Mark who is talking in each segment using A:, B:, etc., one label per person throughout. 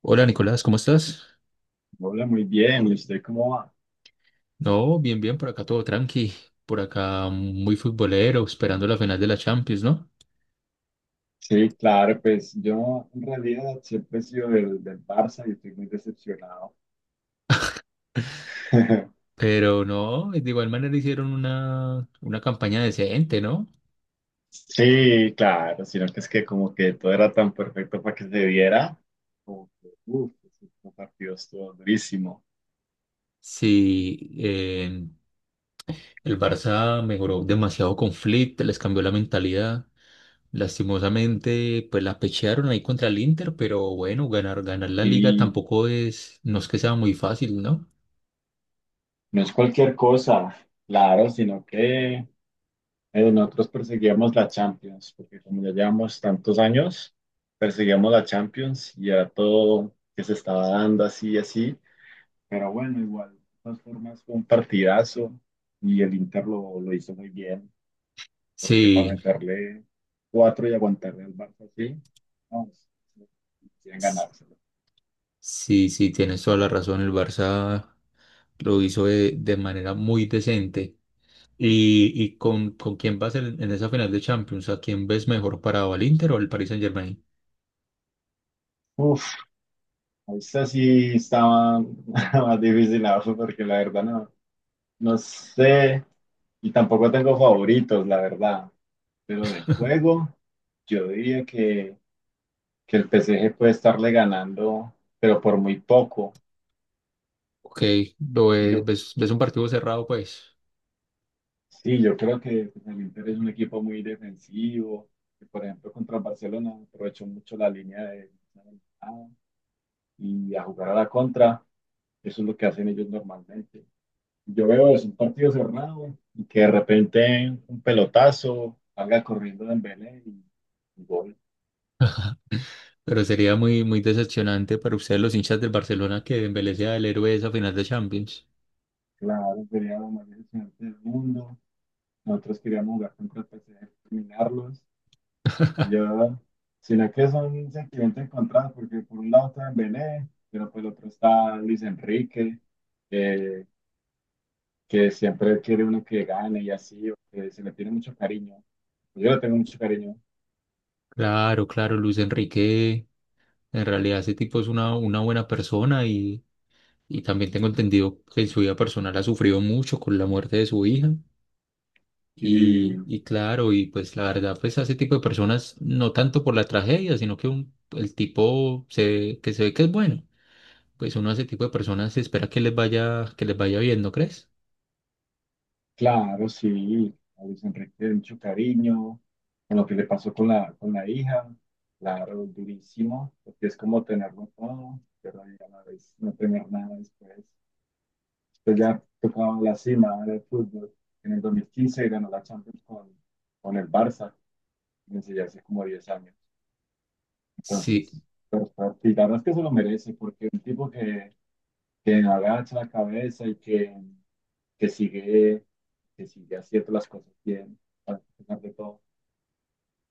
A: Hola Nicolás, ¿cómo estás?
B: Hola, muy bien. ¿Y usted cómo va?
A: No, bien, bien, por acá todo tranqui, por acá muy futbolero, esperando la final de la Champions, ¿no?
B: Sí, claro, pues yo en realidad siempre he sido del Barça y estoy muy decepcionado.
A: Pero no, de igual manera hicieron una campaña decente, ¿no?
B: Sí, claro, sino que es que como que todo era tan perfecto para que se viera, como que, uff, este partido estuvo durísimo.
A: Sí, el Barça mejoró demasiado con Flick, les cambió la mentalidad. Lastimosamente, pues la pechearon ahí contra el Inter, pero bueno, ganar, ganar la liga
B: Y
A: tampoco es, no es que sea muy fácil, ¿no?
B: no es cualquier cosa, claro, sino que nosotros perseguíamos la Champions, porque como ya llevamos tantos años, perseguíamos la Champions y era todo que se estaba dando así y así. Pero bueno, igual, de todas formas, fue un partidazo y el Inter lo hizo muy bien, porque para
A: Sí,
B: meterle cuatro y aguantarle al Barça así, no, quieren
A: s-
B: ganárselo.
A: sí, sí, tienes toda la razón, el Barça. Lo hizo de manera muy decente. Y con quién vas en esa final de Champions? ¿A quién ves mejor parado, al Inter o al Paris Saint-Germain?
B: Uf, esta sí estaba más difícil abajo, porque la verdad no, no sé, y tampoco tengo favoritos, la verdad, pero de juego, yo diría que el PSG puede estarle ganando, pero por muy poco.
A: Ok, lo ves,
B: Yo
A: ves, ves un partido cerrado, pues.
B: Sí, yo creo que pues, el Inter es un equipo muy defensivo, que por ejemplo contra el Barcelona aprovechó mucho la línea de y a jugar a la contra, eso es lo que hacen ellos normalmente. Yo veo es un partido cerrado y que de repente un pelotazo salga corriendo Dembélé y gol.
A: Pero sería muy, muy decepcionante para ustedes, los hinchas del Barcelona, que Dembélé sea el héroe de esa final de Champions.
B: Claro, sería lo más decepcionante del mundo. Nosotros queríamos jugar contra el PSG, dominarlos, Yo, sino que son sentimientos encontrados, porque por un lado está Dembélé, pero por el otro está Luis Enrique, eh, que siempre quiere uno que gane y así, o que se le tiene mucho cariño. Yo le tengo mucho cariño.
A: Claro, claro, Luis Enrique. En realidad, ese tipo es una buena persona y también tengo entendido que en su vida personal ha sufrido mucho con la muerte de su hija.
B: Y
A: Y claro, y pues la verdad, pues a ese tipo de personas, no tanto por la tragedia, sino que el tipo se, que se ve que es bueno, pues uno a ese tipo de personas se espera que les vaya bien, ¿no crees?
B: claro, sí, a Luis Enrique le tiene mucho cariño, con lo que le pasó con la hija, claro, durísimo, porque es como tenerlo todo, pero ya no, no tener nada después. Pues ya tocaba la cima del fútbol. En el 2015 ganó la Champions con el Barça, desde ya hace como 10 años.
A: Sí,
B: Entonces, pero, y la verdad es que se lo merece, porque un tipo que agacha la cabeza y que que sigue haciendo las cosas bien, a pesar de todo.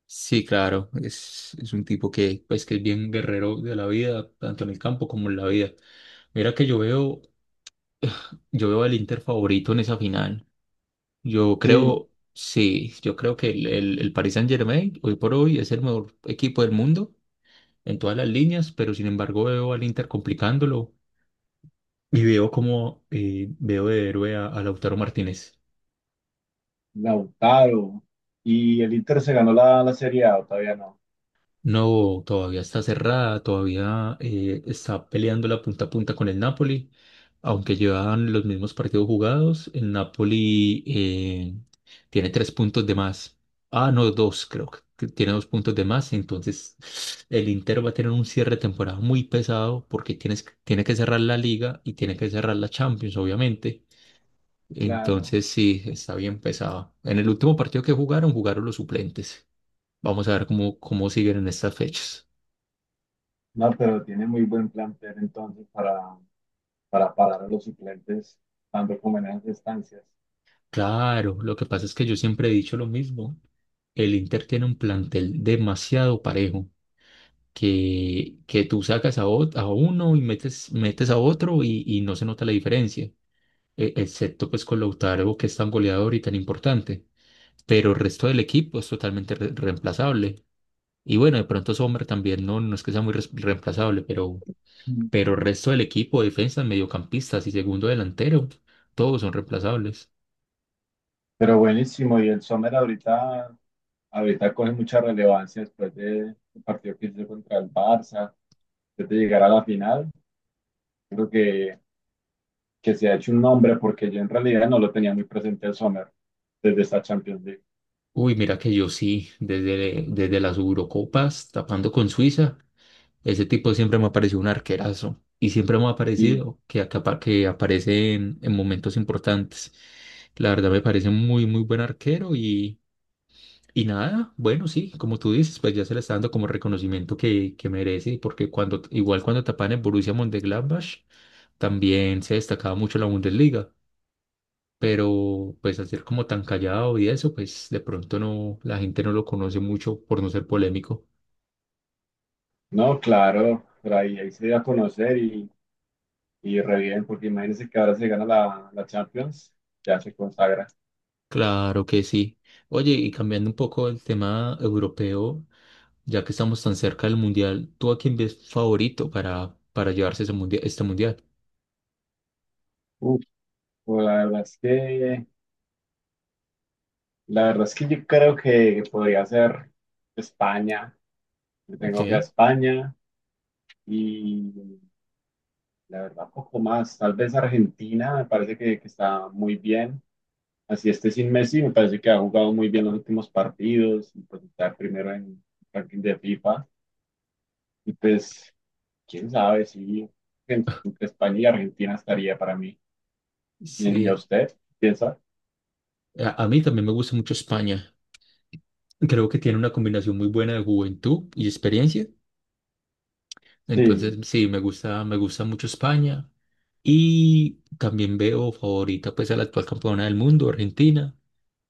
A: sí, claro, es un tipo que, pues, que es bien guerrero de la vida, tanto en el campo como en la vida. Mira que yo veo al Inter favorito en esa final. Yo
B: Sí,
A: creo, sí, yo creo que el Paris Saint-Germain hoy por hoy es el mejor equipo del mundo en todas las líneas, pero sin embargo veo al Inter complicándolo y veo como veo de héroe a Lautaro Martínez.
B: Lautaro. Y el Inter se ganó la Serie A, ¿o todavía no?
A: No, todavía está cerrada, todavía está peleando la punta a punta con el Napoli, aunque llevan los mismos partidos jugados, el Napoli tiene tres puntos de más. Ah, no, dos creo que tiene dos puntos de más, entonces el Inter va a tener un cierre de temporada muy pesado porque tienes, tiene que cerrar la liga y tiene que cerrar la Champions, obviamente.
B: Claro.
A: Entonces sí, está bien pesado. En el último partido que jugaron, jugaron los suplentes. Vamos a ver cómo, cómo siguen en estas fechas.
B: No, pero tiene muy buen plantel entonces para parar a los suplentes, dando como en esas estancias.
A: Claro, lo que pasa es que yo siempre he dicho lo mismo. El Inter tiene un plantel demasiado parejo, que tú sacas a, a uno y metes, metes a otro y no se nota la diferencia, excepto pues con Lautaro, que es tan goleador y tan importante. Pero el resto del equipo es totalmente reemplazable. Y bueno, de pronto Sommer también no, no es que sea muy reemplazable,
B: Mm.
A: pero el resto del equipo, defensas, mediocampistas y segundo delantero, todos son reemplazables.
B: Pero buenísimo, y el Sommer ahorita coge mucha relevancia después del partido que hizo contra el Barça, después de llegar a la final. Creo que se ha hecho un nombre porque yo en realidad no lo tenía muy presente el Sommer desde esta Champions League.
A: Uy, mira que yo sí, desde, desde las Eurocopas, tapando con Suiza, ese tipo siempre me ha parecido un arquerazo y siempre me ha
B: Y
A: parecido que, que aparece en momentos importantes. La verdad me parece muy, muy buen arquero y nada, bueno, sí, como tú dices, pues ya se le está dando como reconocimiento que merece, porque cuando, igual cuando tapan en Borussia Mönchengladbach, también se destacaba mucho en la Bundesliga. Pero pues al ser como tan callado y eso, pues de pronto no, la gente no lo conoce mucho por no ser polémico.
B: no, claro, pero ahí se dio a conocer y, re bien, porque imagínense que ahora se gana la Champions, ya se consagra.
A: Claro que sí. Oye, y cambiando un poco el tema europeo, ya que estamos tan cerca del mundial, ¿tú a quién ves favorito para llevarse ese mundial, este mundial?
B: Pues la verdad es que yo creo que podría ser España. Yo
A: Ok,
B: tengo que a España y la verdad poco más. Tal vez Argentina me parece que está muy bien. Así esté sin Messi, me parece que ha jugado muy bien los últimos partidos y pues está primero en el ranking de FIFA. Y pues, quién sabe si entre España y Argentina estaría para mí. ¿Y a
A: sí.
B: usted piensa?
A: A mí también me gusta mucho España. Creo que tiene una combinación muy buena de juventud y experiencia. Entonces,
B: Sí,
A: sí, me gusta mucho España y también veo favorita pues a la actual campeona del mundo, Argentina,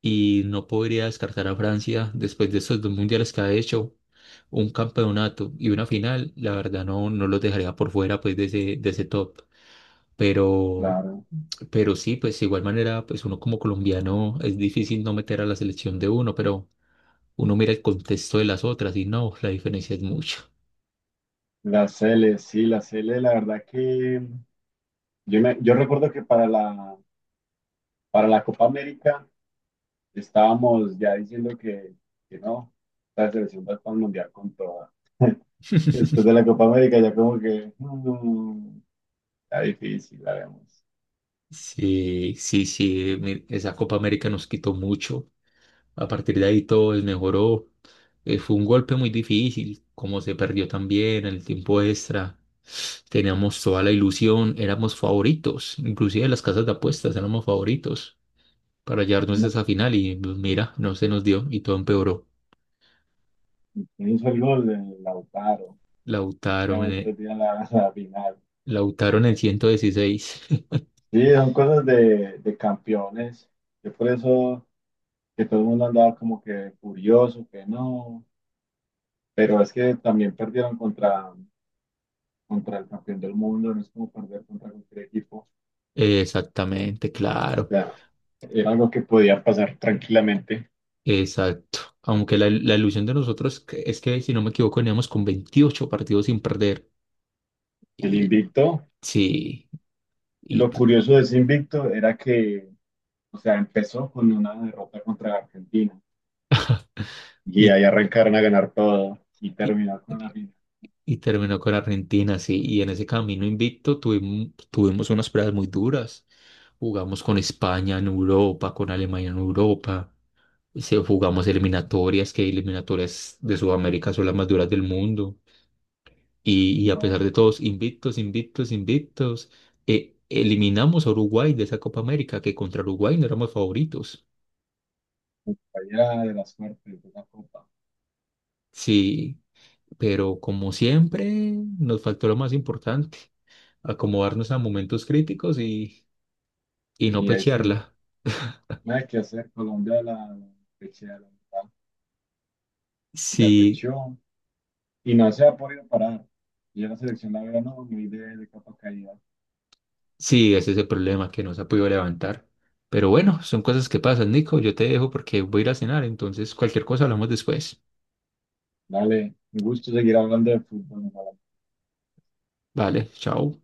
A: y no podría descartar a Francia después de esos dos mundiales que ha hecho, un campeonato y una final, la verdad no, no los dejaría por fuera pues de ese top, pero,
B: claro.
A: pero sí, pues de igual manera pues uno como colombiano es difícil no meter a la selección de uno, pero uno mira el contexto de las otras y no, la diferencia es mucho.
B: Las Cele, sí, las Cele, la verdad que yo, yo recuerdo que para la Copa América estábamos ya diciendo que no, la selección va para el Mundial con toda. Y después de la Copa América ya como que está difícil, la vemos.
A: Sí, sí, sí, esa Copa América nos quitó mucho. A partir de ahí todo desmejoró. Fue un golpe muy difícil, como se perdió también en el tiempo extra. Teníamos toda la ilusión, éramos favoritos, inclusive las casas de apuestas éramos favoritos para llevarnos a
B: No,
A: esa final y pues, mira, no se nos dio y todo empeoró.
B: ¿quién hizo el gol? El Lautaro.
A: Lautaron
B: Oigan,
A: en el,
B: estos días la, la final.
A: Lautaro en el 116.
B: Sí, son cosas de campeones. Yo por eso que todo el mundo andaba como que furioso, que no. Pero es que también perdieron contra el campeón del mundo, no es como perder contra cualquier equipo.
A: Exactamente,
B: O
A: claro,
B: sea, era algo que podía pasar tranquilamente.
A: exacto. Aunque la ilusión de nosotros es que, si no me equivoco, veníamos con 28 partidos sin perder.
B: El
A: Y
B: invicto,
A: sí,
B: y
A: y,
B: lo curioso de ese invicto era que, o sea, empezó con una derrota contra Argentina y
A: y,
B: ahí arrancaron a ganar todo y
A: y-
B: terminó con la final.
A: y terminó con Argentina, sí. Y en ese camino invicto tuvimos, tuvimos unas pruebas muy duras. Jugamos con España en Europa, con Alemania en Europa. Se, jugamos eliminatorias, que eliminatorias de Sudamérica son las más duras del mundo. Y a pesar
B: No,
A: de todos, invictos, invictos, invictos, eliminamos a Uruguay de esa Copa América, que contra Uruguay no éramos favoritos.
B: pues, allá de la suerte de la copa.
A: Sí, pero como siempre, nos faltó lo más importante, acomodarnos a momentos críticos y no
B: Y ahí sí,
A: pechearla.
B: nada que hacer, Colombia la pechea, la verdad, la
A: Sí,
B: pechó y no se ha podido parar. Y en la selección, la verdad, no, muy de capa caída.
A: sí, ese es el problema que no se ha podido levantar. Pero bueno, son cosas que pasan, Nico. Yo te dejo porque voy a ir a cenar, entonces cualquier cosa hablamos después.
B: Dale, me gusta seguir hablando de fútbol. ¿No?
A: Vale, chao.